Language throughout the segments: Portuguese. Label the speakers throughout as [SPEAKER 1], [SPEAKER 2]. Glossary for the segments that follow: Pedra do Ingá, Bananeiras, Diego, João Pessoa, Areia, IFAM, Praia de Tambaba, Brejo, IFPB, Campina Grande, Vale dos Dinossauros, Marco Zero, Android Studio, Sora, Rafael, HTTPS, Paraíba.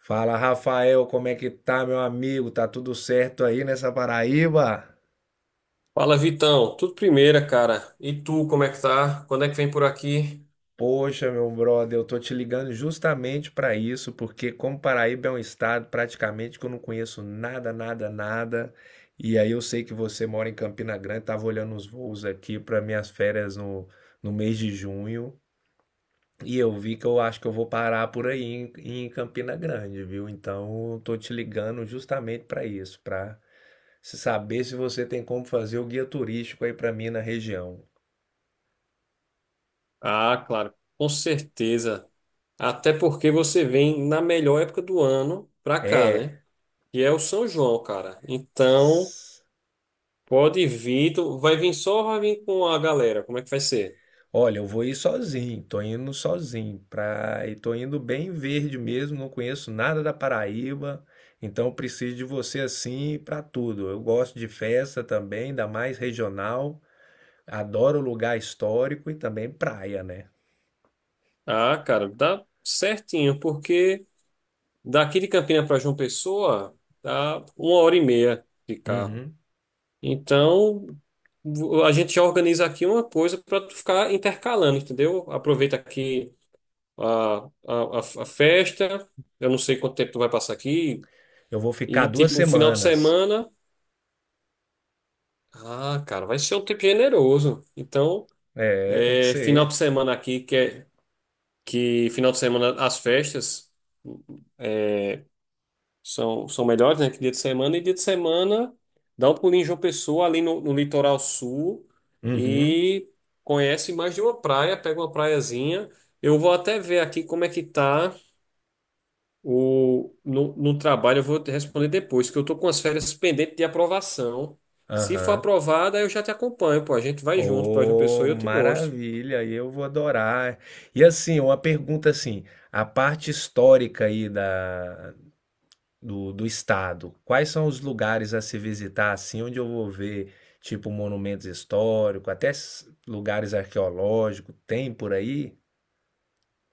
[SPEAKER 1] Fala, Rafael, como é que tá, meu amigo? Tá tudo certo aí nessa Paraíba?
[SPEAKER 2] Fala, Vitão. Tudo primeira, cara. E tu, como é que tá? Quando é que vem por aqui?
[SPEAKER 1] Poxa, meu brother, eu tô te ligando justamente pra isso, porque como Paraíba é um estado praticamente que eu não conheço nada, nada, nada, e aí eu sei que você mora em Campina Grande, tava olhando os voos aqui para minhas férias no mês de junho, e eu vi que eu acho que eu vou parar por aí em Campina Grande, viu? Então, eu tô te ligando justamente pra isso, pra se saber se você tem como fazer o guia turístico aí para mim na região.
[SPEAKER 2] Ah, claro, com certeza. Até porque você vem na melhor época do ano pra cá,
[SPEAKER 1] É.
[SPEAKER 2] né? Que é o São João, cara. Então, pode vir. Tu vai vir só ou vai vir com a galera? Como é que vai ser?
[SPEAKER 1] Olha, eu vou ir sozinho, tô indo sozinho pra... e tô indo bem verde mesmo, não conheço nada da Paraíba, então eu preciso de você assim para tudo. Eu gosto de festa também, ainda mais regional, adoro lugar histórico e também praia, né?
[SPEAKER 2] Ah, cara, dá certinho, porque daqui de Campina pra João Pessoa dá 1h30 de carro.
[SPEAKER 1] Uhum.
[SPEAKER 2] Então, a gente já organiza aqui uma coisa para tu ficar intercalando, entendeu? Aproveita aqui a, a, a festa, eu não sei quanto tempo tu vai passar aqui,
[SPEAKER 1] Eu vou ficar
[SPEAKER 2] e
[SPEAKER 1] duas
[SPEAKER 2] tipo, um final de
[SPEAKER 1] semanas.
[SPEAKER 2] semana. Ah, cara, vai ser um tempo generoso. Então,
[SPEAKER 1] É, tem que
[SPEAKER 2] é, final
[SPEAKER 1] ser.
[SPEAKER 2] de semana aqui, que, que final de semana as festas. É, são melhores, né? Que dia de semana. E dia de semana, dá um pulinho em João Pessoa, ali no, litoral sul,
[SPEAKER 1] Uhum.
[SPEAKER 2] e conhece mais de uma praia, pega uma praiazinha. Eu vou até ver aqui como é que tá o, no, no trabalho, eu vou te responder depois, que eu tô com as férias pendentes de aprovação. Se for
[SPEAKER 1] Aham.
[SPEAKER 2] aprovada, eu já te acompanho, pô. A gente vai junto para João
[SPEAKER 1] Oh,
[SPEAKER 2] Pessoa e eu te mostro.
[SPEAKER 1] maravilha! Eu vou adorar. E assim, uma pergunta assim, a parte histórica aí da, do estado, quais são os lugares a se visitar assim, onde eu vou ver tipo monumentos históricos, até lugares arqueológicos, tem por aí?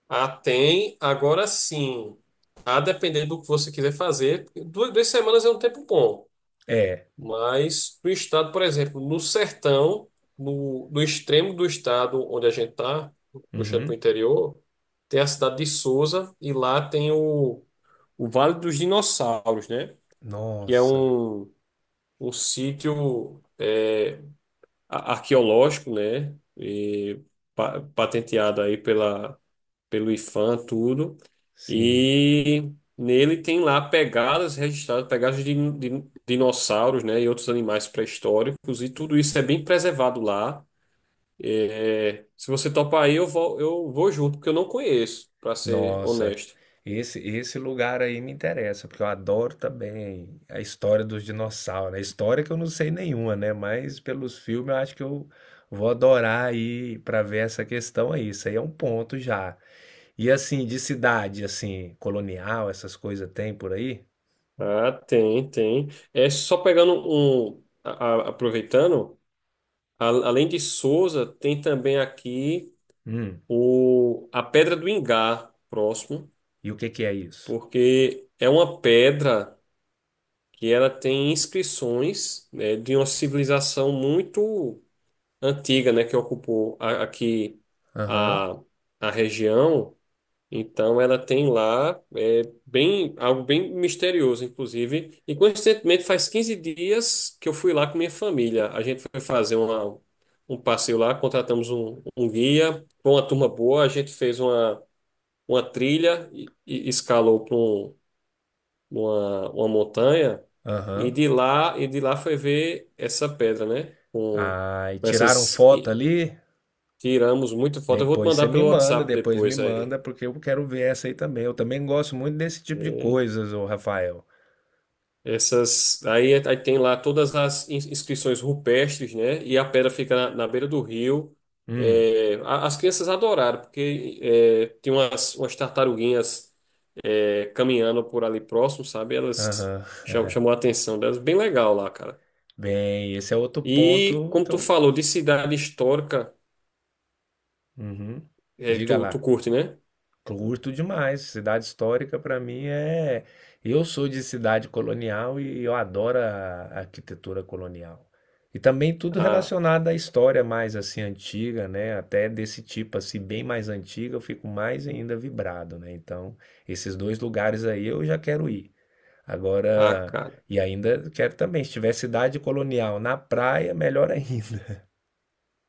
[SPEAKER 2] Ah, tem. Agora sim. A depender do que você quiser fazer. Duas semanas é um tempo bom.
[SPEAKER 1] É.
[SPEAKER 2] Mas o estado, por exemplo, no sertão, no, extremo do estado onde a gente está, puxando para o
[SPEAKER 1] Uhum.
[SPEAKER 2] interior, tem a cidade de Sousa e lá tem o Vale dos Dinossauros, né? Que é
[SPEAKER 1] Nossa,
[SPEAKER 2] um sítio arqueológico, né? E patenteado aí pela pelo IFAM, tudo.
[SPEAKER 1] sim.
[SPEAKER 2] E nele tem lá pegadas registradas, pegadas de dinossauros, né, e outros animais pré-históricos, e tudo isso é bem preservado lá. É, se você topar aí, eu vou junto, porque eu não conheço, para ser
[SPEAKER 1] Nossa,
[SPEAKER 2] honesto.
[SPEAKER 1] esse lugar aí me interessa, porque eu adoro também a história dos dinossauros, né? A história que eu não sei nenhuma, né? Mas pelos filmes eu acho que eu vou adorar aí para ver essa questão aí. Isso aí é um ponto já. E assim, de cidade, assim, colonial, essas coisas tem por aí?
[SPEAKER 2] Ah, tem, tem. É só pegando aproveitando, além de Sousa, tem também aqui
[SPEAKER 1] Hum,
[SPEAKER 2] a Pedra do Ingá, próximo,
[SPEAKER 1] e o que que é isso?
[SPEAKER 2] porque é uma pedra. Que ela tem inscrições, né, de uma civilização muito antiga, né, que ocupou aqui
[SPEAKER 1] Aham,
[SPEAKER 2] a, a região. Então, ela tem lá bem, algo bem misterioso, inclusive. E, coincidentemente, faz 15 dias que eu fui lá com minha família. A gente foi fazer um passeio lá, contratamos um guia, com uma turma boa, a gente fez uma trilha e escalou numa uma montanha e
[SPEAKER 1] aham.
[SPEAKER 2] de lá e de lá foi ver essa pedra, né?
[SPEAKER 1] Ah, e
[SPEAKER 2] Com
[SPEAKER 1] tiraram
[SPEAKER 2] essas
[SPEAKER 1] foto
[SPEAKER 2] e
[SPEAKER 1] ali?
[SPEAKER 2] Tiramos muita foto. Eu vou te
[SPEAKER 1] Depois você
[SPEAKER 2] mandar
[SPEAKER 1] me
[SPEAKER 2] pelo
[SPEAKER 1] manda,
[SPEAKER 2] WhatsApp
[SPEAKER 1] depois me
[SPEAKER 2] depois aí.
[SPEAKER 1] manda, porque eu quero ver essa aí também. Eu também gosto muito desse tipo de
[SPEAKER 2] É,
[SPEAKER 1] coisas, ô Rafael.
[SPEAKER 2] essas aí tem lá todas as inscrições rupestres, né? E a pedra fica na, beira do rio.
[SPEAKER 1] Hum,
[SPEAKER 2] É, as crianças adoraram porque tem umas tartaruguinhas caminhando por ali próximo, sabe? Elas
[SPEAKER 1] aham.
[SPEAKER 2] chamou a atenção delas. Bem legal lá, cara.
[SPEAKER 1] Bem, esse é outro
[SPEAKER 2] E
[SPEAKER 1] ponto
[SPEAKER 2] como
[SPEAKER 1] que
[SPEAKER 2] tu
[SPEAKER 1] eu.
[SPEAKER 2] falou de cidade histórica,
[SPEAKER 1] Uhum. Diga
[SPEAKER 2] tu
[SPEAKER 1] lá.
[SPEAKER 2] curte, né?
[SPEAKER 1] Curto demais. Cidade histórica para mim é. Eu sou de cidade colonial e eu adoro a arquitetura colonial. E também tudo
[SPEAKER 2] A,
[SPEAKER 1] relacionado à história mais assim antiga, né? Até desse tipo assim bem mais antiga, eu fico mais ainda vibrado, né? Então, esses dois lugares aí eu já quero ir.
[SPEAKER 2] a
[SPEAKER 1] Agora,
[SPEAKER 2] cara.
[SPEAKER 1] e ainda quero também, se tiver cidade colonial na praia, melhor ainda.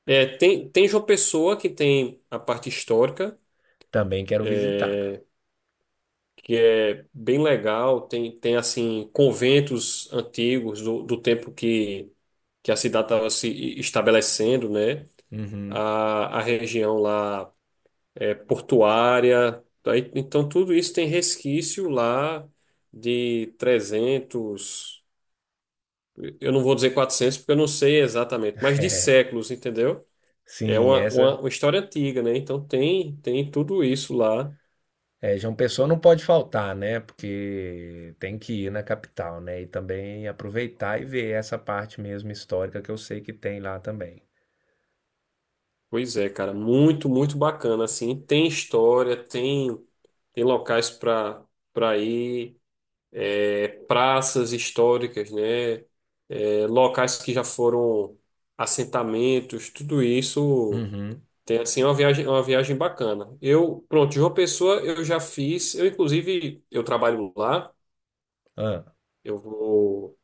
[SPEAKER 2] É, tem João Pessoa que tem a parte histórica,
[SPEAKER 1] Também quero visitar.
[SPEAKER 2] é, que é bem legal. Tem assim, conventos antigos do tempo que a cidade estava se estabelecendo, né?
[SPEAKER 1] Uhum.
[SPEAKER 2] A região lá é portuária. Aí, então, tudo isso tem resquício lá de 300. Eu não vou dizer 400 porque eu não sei exatamente, mas de séculos, entendeu? É
[SPEAKER 1] Sim,
[SPEAKER 2] uma, uma,
[SPEAKER 1] essa
[SPEAKER 2] uma história antiga, né? Então tem tudo isso lá.
[SPEAKER 1] é, João Pessoa não pode faltar, né? Porque tem que ir na capital, né? E também aproveitar e ver essa parte mesmo histórica que eu sei que tem lá também.
[SPEAKER 2] Pois é, cara, muito, muito bacana, assim. Tem história, tem locais para ir, praças históricas, né? É, locais que já foram assentamentos, tudo isso
[SPEAKER 1] Uhum.
[SPEAKER 2] tem, assim, uma viagem bacana. Eu, pronto, João Pessoa eu já fiz, eu inclusive, eu trabalho lá.
[SPEAKER 1] Ah,
[SPEAKER 2] Eu vou,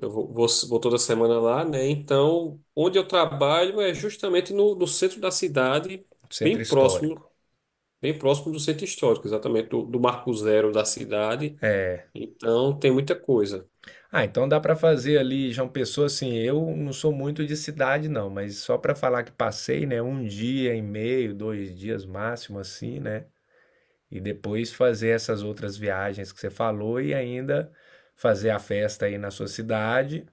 [SPEAKER 2] eu vou toda semana lá, né? Então, onde eu trabalho é justamente no centro da cidade, bem
[SPEAKER 1] centro
[SPEAKER 2] próximo,
[SPEAKER 1] histórico.
[SPEAKER 2] bem próximo do centro histórico, exatamente do Marco Zero da cidade.
[SPEAKER 1] É.
[SPEAKER 2] Então, tem muita coisa.
[SPEAKER 1] Ah, então dá para fazer ali João Pessoa, assim, eu não sou muito de cidade não, mas só para falar que passei, né, um dia e meio, dois dias máximo assim, né? E depois fazer essas outras viagens que você falou e ainda fazer a festa aí na sua cidade.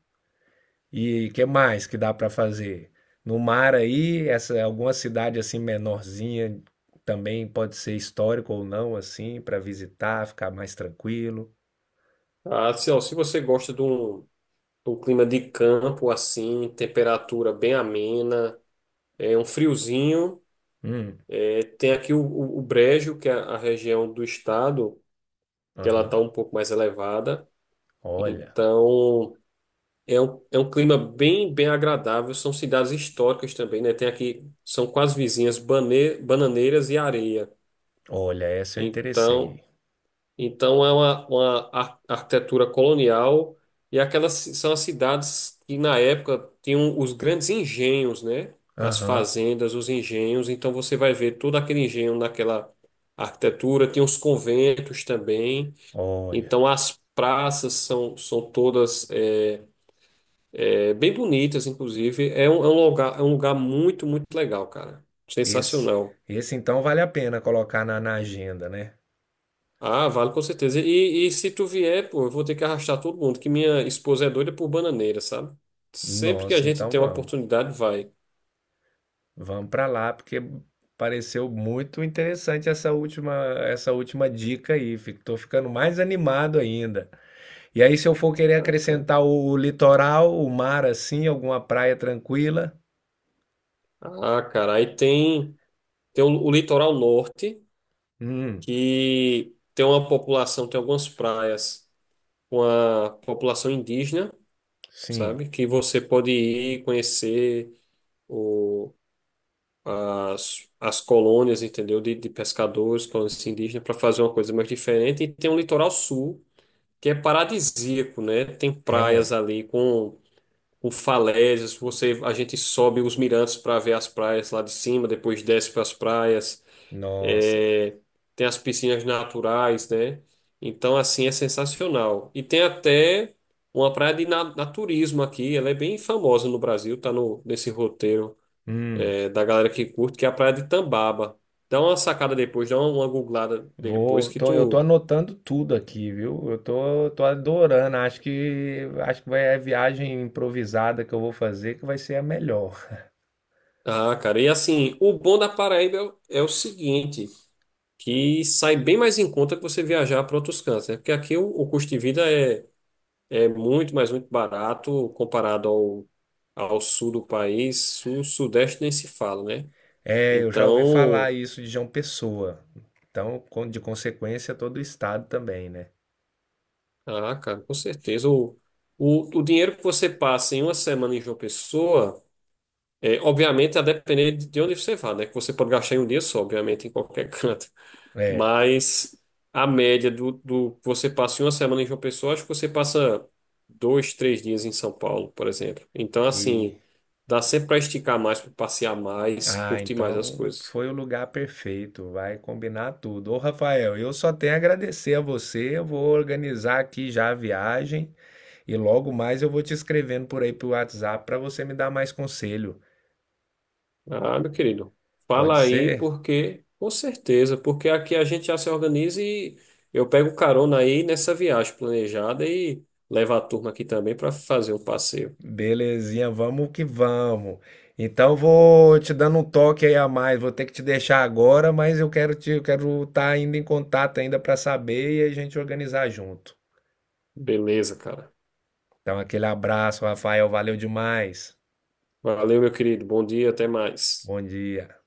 [SPEAKER 1] E que mais que dá para fazer? No mar aí, essa alguma cidade assim menorzinha também pode ser histórico ou não assim para visitar, ficar mais tranquilo.
[SPEAKER 2] Ah, se, ó, se você gosta de um clima de campo assim, temperatura bem amena, é um friozinho,
[SPEAKER 1] Hum,
[SPEAKER 2] tem aqui o, o Brejo, que é a região do estado, que ela está
[SPEAKER 1] aham.
[SPEAKER 2] um pouco mais elevada.
[SPEAKER 1] Olha,
[SPEAKER 2] Então, é um clima bem agradável. São cidades históricas também, né? Tem aqui, são quase vizinhas, Bananeiras e Areia.
[SPEAKER 1] olha, essa eu
[SPEAKER 2] Então,
[SPEAKER 1] interessei.
[SPEAKER 2] então é uma arquitetura colonial e são as cidades que na época tinham os grandes engenhos, né? As
[SPEAKER 1] Aham.
[SPEAKER 2] fazendas, os engenhos. Então você vai ver todo aquele engenho naquela arquitetura. Tem os conventos também.
[SPEAKER 1] Olha,
[SPEAKER 2] Então as praças são todas bem bonitas, inclusive. É um lugar muito, muito legal, cara.
[SPEAKER 1] esse
[SPEAKER 2] Sensacional.
[SPEAKER 1] esse então vale a pena colocar na, na agenda, né?
[SPEAKER 2] Ah, vale com certeza. E se tu vier, pô, eu vou ter que arrastar todo mundo, que minha esposa é doida por bananeira, sabe? Sempre que a
[SPEAKER 1] Nossa,
[SPEAKER 2] gente
[SPEAKER 1] então
[SPEAKER 2] tem uma
[SPEAKER 1] vamos.
[SPEAKER 2] oportunidade, vai.
[SPEAKER 1] Vamos para lá porque pareceu muito interessante essa última dica aí. Estou ficando mais animado ainda. E aí, se eu for querer
[SPEAKER 2] Ah, cara,
[SPEAKER 1] acrescentar o litoral, o mar assim, alguma praia tranquila,
[SPEAKER 2] Ah, cara, aí tem o, litoral norte,
[SPEAKER 1] hum,
[SPEAKER 2] que tem uma população, tem algumas praias com a população indígena,
[SPEAKER 1] sim,
[SPEAKER 2] sabe? Que você pode ir conhecer. o as colônias, entendeu? De pescadores, colônias indígenas, para fazer uma coisa mais diferente. E tem um litoral sul, que é paradisíaco, né? Tem praias
[SPEAKER 1] é,
[SPEAKER 2] ali com falésias. A gente sobe os mirantes para ver as praias lá de cima, depois desce para as praias.
[SPEAKER 1] nossa,
[SPEAKER 2] É, tem as piscinas naturais, né? Então, assim, é sensacional. E tem até uma praia de naturismo aqui, ela é bem famosa no Brasil, tá no, nesse roteiro
[SPEAKER 1] hum,
[SPEAKER 2] da galera que curte, que é a Praia de Tambaba. Dá uma sacada depois, dá uma googlada depois
[SPEAKER 1] vou,
[SPEAKER 2] que
[SPEAKER 1] tô, eu tô
[SPEAKER 2] tu.
[SPEAKER 1] anotando tudo aqui, viu? Eu tô, tô adorando, acho que vai é a viagem improvisada que eu vou fazer que vai ser a melhor.
[SPEAKER 2] Ah, cara, e assim, o bom da Paraíba é o seguinte, que sai bem mais em conta que você viajar para outros cantos, né? Porque aqui o, custo de vida é muito, mas muito barato comparado ao sul do país. Sul, sudeste nem se fala, né?
[SPEAKER 1] É, eu já ouvi falar
[SPEAKER 2] Então,
[SPEAKER 1] isso de João Pessoa, então, de consequência, todo o estado também, né?
[SPEAKER 2] ah, cara, com certeza. O dinheiro que você passa em uma semana em João Pessoa. É, obviamente, a depender de onde você vá, né? Que você pode gastar em um dia só, obviamente, em qualquer canto.
[SPEAKER 1] É,
[SPEAKER 2] Mas a média do que você passa em uma semana em João Pessoa, acho que você passa dois, três dias em São Paulo, por exemplo. Então,
[SPEAKER 1] e
[SPEAKER 2] assim, dá sempre para esticar mais, para passear mais,
[SPEAKER 1] ah,
[SPEAKER 2] curtir mais as
[SPEAKER 1] então
[SPEAKER 2] coisas.
[SPEAKER 1] foi o lugar perfeito, vai combinar tudo. Ô, Rafael, eu só tenho a agradecer a você. Eu vou organizar aqui já a viagem e logo mais eu vou te escrevendo por aí pro WhatsApp para você me dar mais conselho.
[SPEAKER 2] Ah, meu querido,
[SPEAKER 1] Pode
[SPEAKER 2] fala aí,
[SPEAKER 1] ser?
[SPEAKER 2] porque, com certeza, porque aqui a gente já se organiza e eu pego carona aí nessa viagem planejada e levo a turma aqui também para fazer um passeio.
[SPEAKER 1] Belezinha, vamos que vamos. Então vou te dando um toque aí a mais. Vou ter que te deixar agora, mas eu quero te, eu quero estar ainda em contato ainda para saber e a gente organizar junto.
[SPEAKER 2] Beleza, cara.
[SPEAKER 1] Então aquele abraço, Rafael, valeu demais.
[SPEAKER 2] Valeu, meu querido. Bom dia, até mais.
[SPEAKER 1] Bom dia.